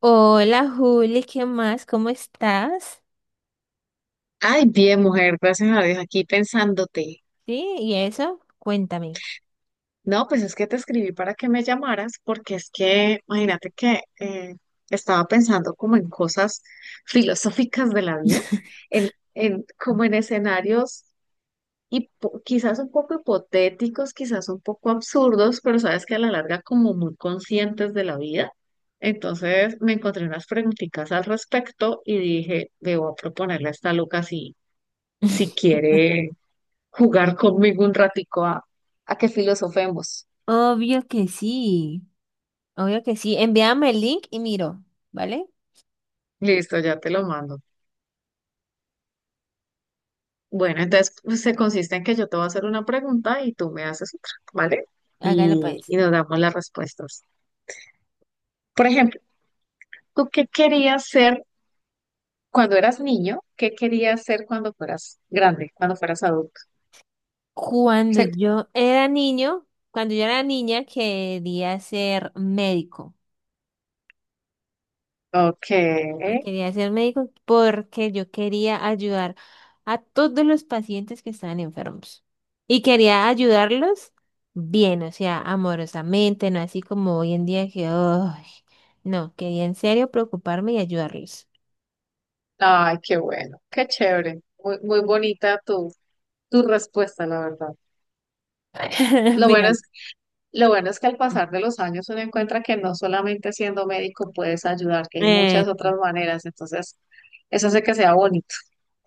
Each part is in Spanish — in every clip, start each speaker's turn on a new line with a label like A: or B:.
A: Hola Juli, ¿qué más? ¿Cómo estás?
B: Ay, bien, mujer, gracias a Dios, aquí pensándote.
A: ¿Sí? ¿Y eso? Cuéntame.
B: No, pues es que te escribí para que me llamaras, porque es que, imagínate que estaba pensando como en cosas filosóficas de la vida, como en escenarios quizás un poco hipotéticos, quizás un poco absurdos, pero sabes que a la larga como muy conscientes de la vida. Entonces me encontré unas preguntitas al respecto y dije, debo proponerle a esta loca si, si quiere jugar conmigo un ratico a que filosofemos.
A: Obvio que sí, obvio que sí. Envíame el link y miro, ¿vale?
B: Listo, ya te lo mando. Bueno, entonces pues, se consiste en que yo te voy a hacer una pregunta y tú me haces otra, ¿vale?
A: Hágalo
B: Y,
A: pues.
B: y nos damos las respuestas. Por ejemplo, ¿tú qué querías ser cuando eras niño? ¿Qué querías ser cuando fueras grande, cuando fueras adulto?
A: Cuando
B: Sí.
A: yo era niño, cuando yo era niña quería ser médico.
B: Ok.
A: No. Quería ser médico porque yo quería ayudar a todos los pacientes que estaban enfermos. Y quería ayudarlos bien, o sea, amorosamente, no así como hoy en día que, "Ay". No, quería en serio preocuparme y ayudarlos.
B: Ay, qué bueno, qué chévere. Muy, muy bonita tu respuesta, la verdad. Lo
A: Mira,
B: bueno es Lo bueno es que al pasar de los años uno encuentra que no solamente siendo médico puedes ayudar, que hay
A: eh,
B: muchas otras maneras. Entonces, eso hace que sea bonito.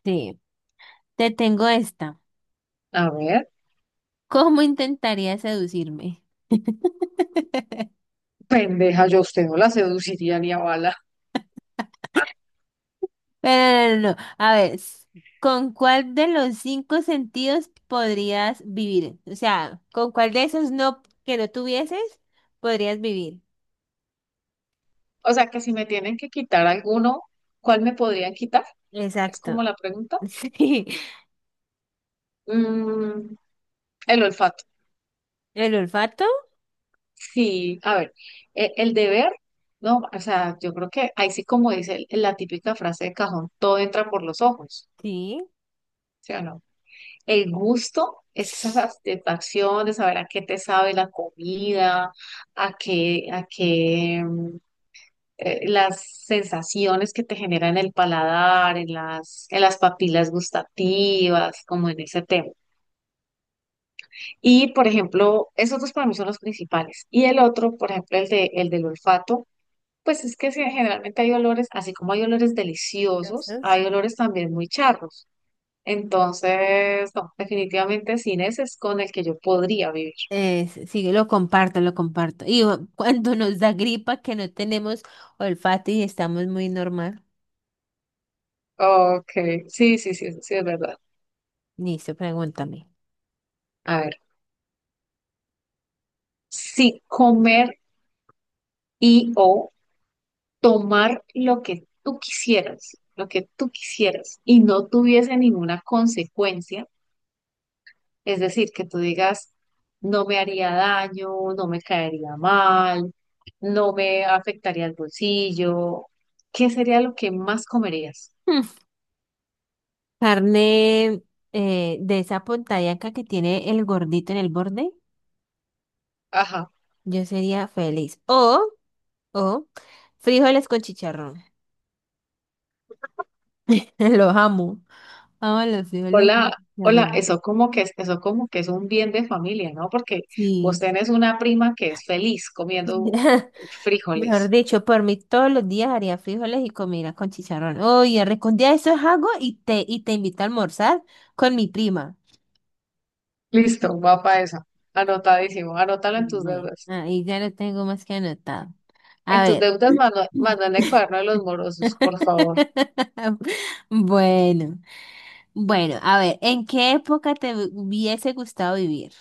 A: sí, te tengo esta.
B: A ver,
A: ¿Cómo intentaría seducirme?
B: pendeja, yo a usted no la seduciría ni a bala.
A: Pero no, no, no. No. A ver, ¿con cuál de los cinco sentidos podrías vivir? O sea, ¿con cuál de esos no que no tuvieses podrías vivir?
B: O sea, que si me tienen que quitar alguno, ¿cuál me podrían quitar? Es
A: Exacto.
B: como la pregunta.
A: Sí.
B: Mm, el olfato.
A: ¿El olfato?
B: Sí, a ver, el deber, no, o sea, yo creo que ahí sí como dice la típica frase de cajón, todo entra por los ojos,
A: Sí.
B: ¿sí o no? El gusto es esa satisfacción de saber a qué te sabe la comida, a qué las sensaciones que te generan el paladar, en las papilas gustativas, como en ese tema. Y, por ejemplo, esos dos para mí son los principales. Y el otro, por ejemplo, el del olfato. Pues es que sí, generalmente hay olores, así como hay olores deliciosos,
A: Gracias.
B: hay olores también muy charros. Entonces, no, definitivamente sin ese es con el que yo podría vivir.
A: Es sí, lo comparto, lo comparto. Y cuando nos da gripa que no tenemos olfato y estamos muy normal.
B: Ok, sí, sí, sí, eso sí es verdad.
A: Listo, pregúntame.
B: A ver, si comer o tomar lo que tú quisieras, lo que tú quisieras y no tuviese ninguna consecuencia, es decir, que tú digas, no me haría daño, no me caería mal, no me afectaría el bolsillo, ¿qué sería lo que más comerías?
A: Mm. Carne, de esa pontallaca que tiene el gordito en el borde, yo sería feliz. O, frijoles con chicharrón. Los amo. Amo los frijoles
B: Hola,
A: con
B: hola,
A: chicharrón.
B: eso como que es, eso como que es un bien de familia, ¿no? Porque vos
A: Sí.
B: tenés una prima que es feliz comiendo
A: Mejor
B: frijoles.
A: dicho, por mí todos los días haría frijoles y comida con chicharrón. Oye, recondía eso es algo y te invito a almorzar con mi prima.
B: Listo, va para eso. Anotadísimo, anótalo en tus
A: Bueno,
B: deudas.
A: ahí ya lo tengo más que anotado. A
B: En tus
A: ver.
B: deudas, manda, manda en el cuaderno de los morosos, por favor.
A: Bueno, bueno, a ver, ¿en qué época te hubiese gustado vivir?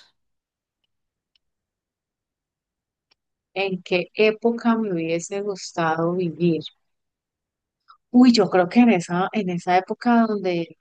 B: ¿En qué época me hubiese gustado vivir? Uy, yo creo que en esa época donde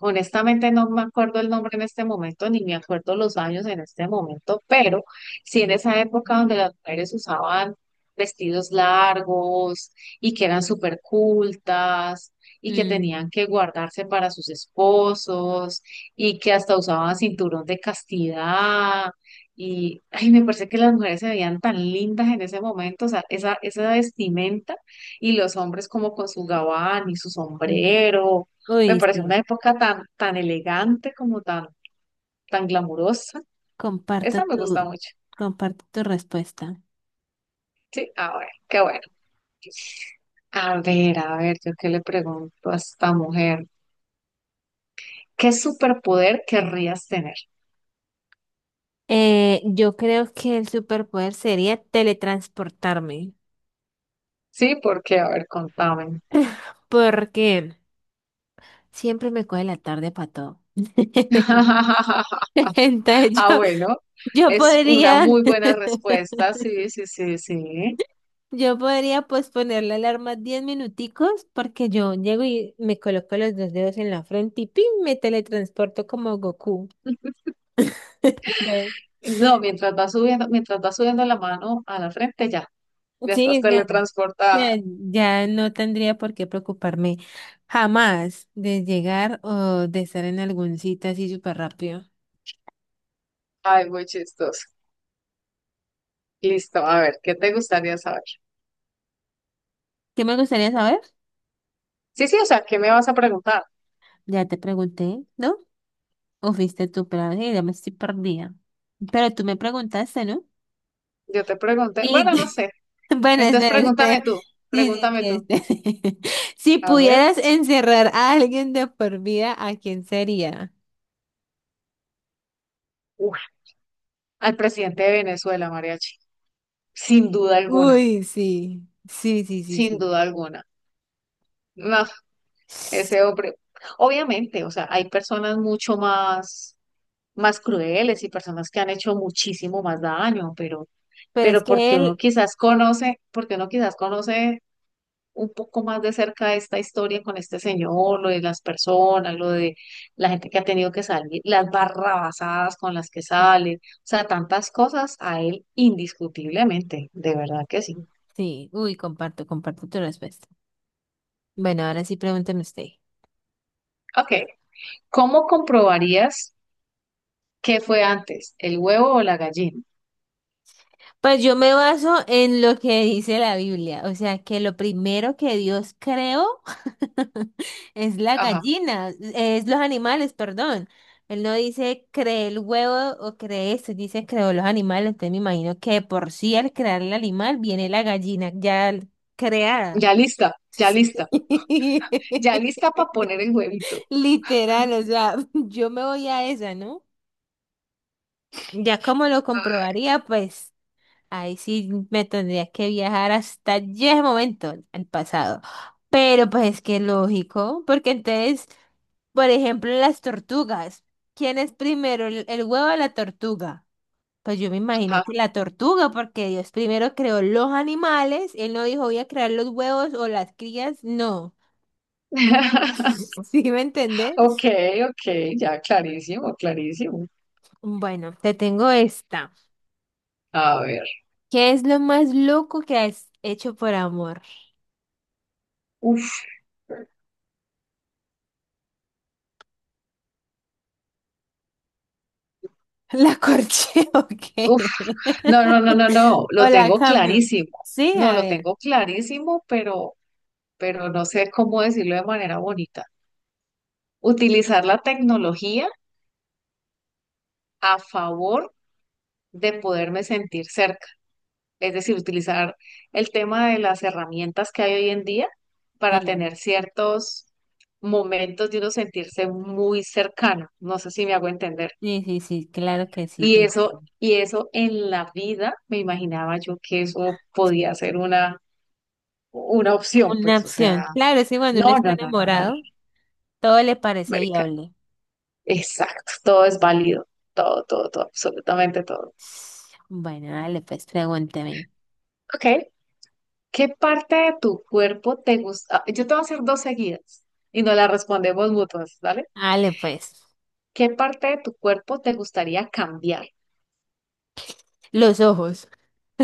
B: honestamente no me acuerdo el nombre en este momento, ni me acuerdo los años en este momento, pero sí en esa época donde las mujeres usaban vestidos largos y que eran súper cultas y que
A: Mm.
B: tenían que guardarse para sus esposos y que hasta usaban cinturón de castidad. Y ay, me parece que las mujeres se veían tan lindas en ese momento, o sea, esa vestimenta y los hombres como con su gabán y su
A: Mm.
B: sombrero me
A: Uy,
B: parece una
A: sí,
B: época tan, tan elegante como tan, tan glamurosa.
A: comparto
B: Esa me gusta
A: tu,
B: mucho.
A: comparto tu respuesta.
B: Sí, a ver, qué bueno. A ver, yo qué le pregunto a esta mujer. ¿Qué superpoder querrías tener?
A: Yo creo que el superpoder sería teletransportarme,
B: Sí, porque, a ver, contame.
A: porque siempre me coge la tarde para todo. Entonces
B: Ah,
A: yo,
B: bueno,
A: yo
B: es una
A: podría,
B: muy buena respuesta. Sí, sí, sí, sí.
A: yo podría posponer la alarma 10 minuticos porque yo llego y me coloco los dos dedos en la frente y ¡pim! Me teletransporto como Goku. Ve.
B: No, mientras vas subiendo la mano a la frente, ya, ya estás
A: Sí, ya,
B: teletransportada.
A: ya no tendría por qué preocuparme jamás de llegar o de estar en algún sitio así súper rápido.
B: Ay, muy chistoso. Listo, a ver, ¿qué te gustaría saber?
A: ¿Qué me gustaría saber?
B: Sí, sí, o sea, ¿qué me vas a preguntar?
A: Ya te pregunté, ¿no? O fuiste tú, pero ay, ya me estoy perdida. Pero tú me preguntaste, ¿no?
B: Yo te pregunté,
A: Y
B: bueno, no sé.
A: bueno,
B: Entonces
A: espera,
B: pregúntame
A: espera.
B: tú,
A: Sí, sí,
B: pregúntame tú.
A: sí, espera. Si
B: A ver,
A: pudieras encerrar a alguien de por vida, ¿a quién sería?
B: uf, al presidente de Venezuela, Mariachi. Sin duda alguna,
A: Uy, sí. Sí, sí, sí,
B: sin
A: sí.
B: duda alguna. No, ese hombre. Obviamente, o sea, hay personas mucho más, más crueles y personas que han hecho muchísimo más daño,
A: Pero es
B: pero
A: que
B: porque uno
A: él...
B: quizás conoce, porque uno quizás conoce un poco más de cerca esta historia con este señor, lo de las personas, lo de la gente que ha tenido que salir, las barrabasadas con las que sale, o sea, tantas cosas a él indiscutiblemente, de verdad que sí.
A: Sí, uy, comparto, comparto tu respuesta. Bueno, ahora sí pregúntame usted.
B: Ok, ¿cómo comprobarías qué fue antes, el huevo o la gallina?
A: Pues yo me baso en lo que dice la Biblia, o sea, que lo primero que Dios creó es la
B: Ajá,
A: gallina, es los animales, perdón. Él no dice creé el huevo o creé esto, dice creó los animales, entonces me imagino que de por sí al crear el animal viene la gallina ya creada.
B: ya lista, ya lista, ya lista para poner el huevito.
A: Literal, o sea, yo me voy a esa, ¿no? Ya como lo comprobaría, pues ahí sí me tendría que viajar hasta allí ese momento, al pasado. Pero pues es que lógico, porque entonces, por ejemplo, las tortugas. ¿Quién es primero, el huevo o la tortuga? Pues yo me imagino
B: Ajá.
A: que la tortuga, porque Dios primero creó los animales, él no dijo voy a crear los huevos o las crías, no. ¿Sí me
B: Ok,
A: entendés?
B: ok, ya clarísimo, clarísimo.
A: Bueno, te tengo esta.
B: A ver,
A: ¿Qué es lo más loco que has hecho por amor?
B: uff.
A: La corché, ok.
B: No, no, no, no, no,
A: O
B: lo
A: la
B: tengo
A: cambio.
B: clarísimo.
A: Sí,
B: No,
A: a
B: lo
A: ver.
B: tengo clarísimo, pero no sé cómo decirlo de manera bonita. Utilizar la tecnología a favor de poderme sentir cerca. Es decir, utilizar el tema de las herramientas que hay hoy en día para
A: Sí,
B: tener ciertos momentos de uno sentirse muy cercano. No sé si me hago entender.
A: sí, sí, sí, claro que sí. te
B: Y eso en la vida me imaginaba yo que eso podía ser una opción,
A: Una
B: pues, o
A: opción.
B: sea.
A: Claro, sí, cuando uno
B: No,
A: está
B: no, no, no, no, no,
A: enamorado, todo le parece
B: marica.
A: viable.
B: Exacto, todo es válido, todo, todo, todo, absolutamente todo.
A: Bueno, dale pues, pregúnteme.
B: Ok, ¿qué parte de tu cuerpo te gusta? Ah, yo te voy a hacer dos seguidas y nos las respondemos mutuas, ¿vale?
A: Dale pues.
B: ¿Qué parte de tu cuerpo te gustaría cambiar?
A: Los ojos,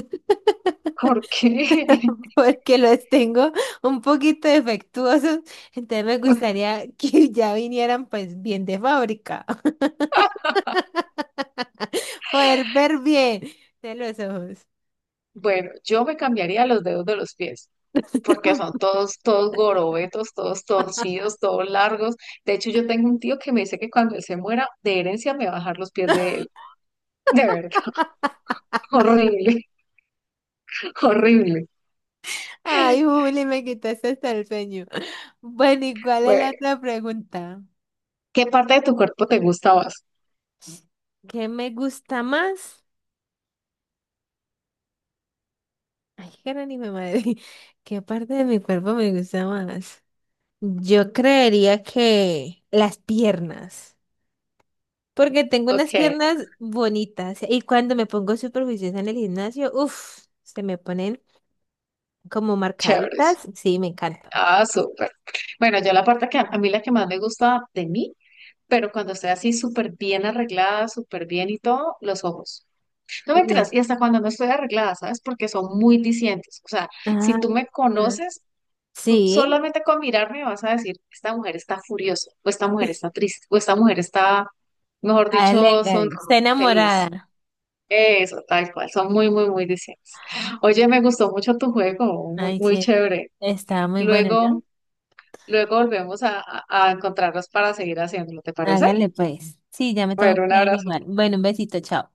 B: ¿Por qué?
A: porque los tengo un poquito defectuosos, entonces me gustaría que ya vinieran pues bien de fábrica. Poder ver bien de los ojos.
B: Bueno, yo me cambiaría los dedos de los pies, porque son todos, todos gorobetos, todos torcidos, todos largos. De hecho, yo tengo un tío que me dice que cuando él se muera, de herencia me va a dejar los pies de él. De verdad, horrible. Horrible.
A: Ay, Juli, me quitaste hasta el sueño. Bueno, ¿y cuál es
B: Bueno,
A: la otra pregunta?
B: ¿qué parte de tu cuerpo te gusta más?
A: ¿Qué me gusta más? Ay, cara ni me madre. ¿Qué parte de mi cuerpo me gusta más? Yo creería que las piernas. Porque tengo unas
B: Ok,
A: piernas bonitas. Y cuando me pongo súper juiciosa en el gimnasio, uff, se me ponen como
B: chéveres.
A: marcaditas. Sí, me encantan.
B: Ah, súper. Bueno, yo la parte que a mí la que más me gusta de mí, pero cuando estoy así súper bien arreglada, súper bien y todo, los ojos. No mentiras,
A: Los-
B: y hasta cuando no estoy arreglada, ¿sabes? Porque son muy discientes. O sea,
A: ah,
B: si tú me
A: mm.
B: conoces, tú
A: Sí,
B: solamente con mirarme vas a decir, esta mujer está furiosa, o esta mujer está triste, o esta mujer está, mejor
A: hágale,
B: dicho, son
A: hágale. Está
B: feliz.
A: enamorada.
B: Eso, tal cual, son muy, muy, muy distintos. Oye, me gustó mucho tu juego, muy,
A: Ay,
B: muy
A: sí,
B: chévere.
A: está muy bueno, ¿no?
B: Luego, luego volvemos a a encontrarnos para seguir haciéndolo, ¿te parece?
A: Hágale pues. Sí, ya me tengo que
B: Bueno, un
A: ir
B: abrazo.
A: igual. Bueno, un besito, chao.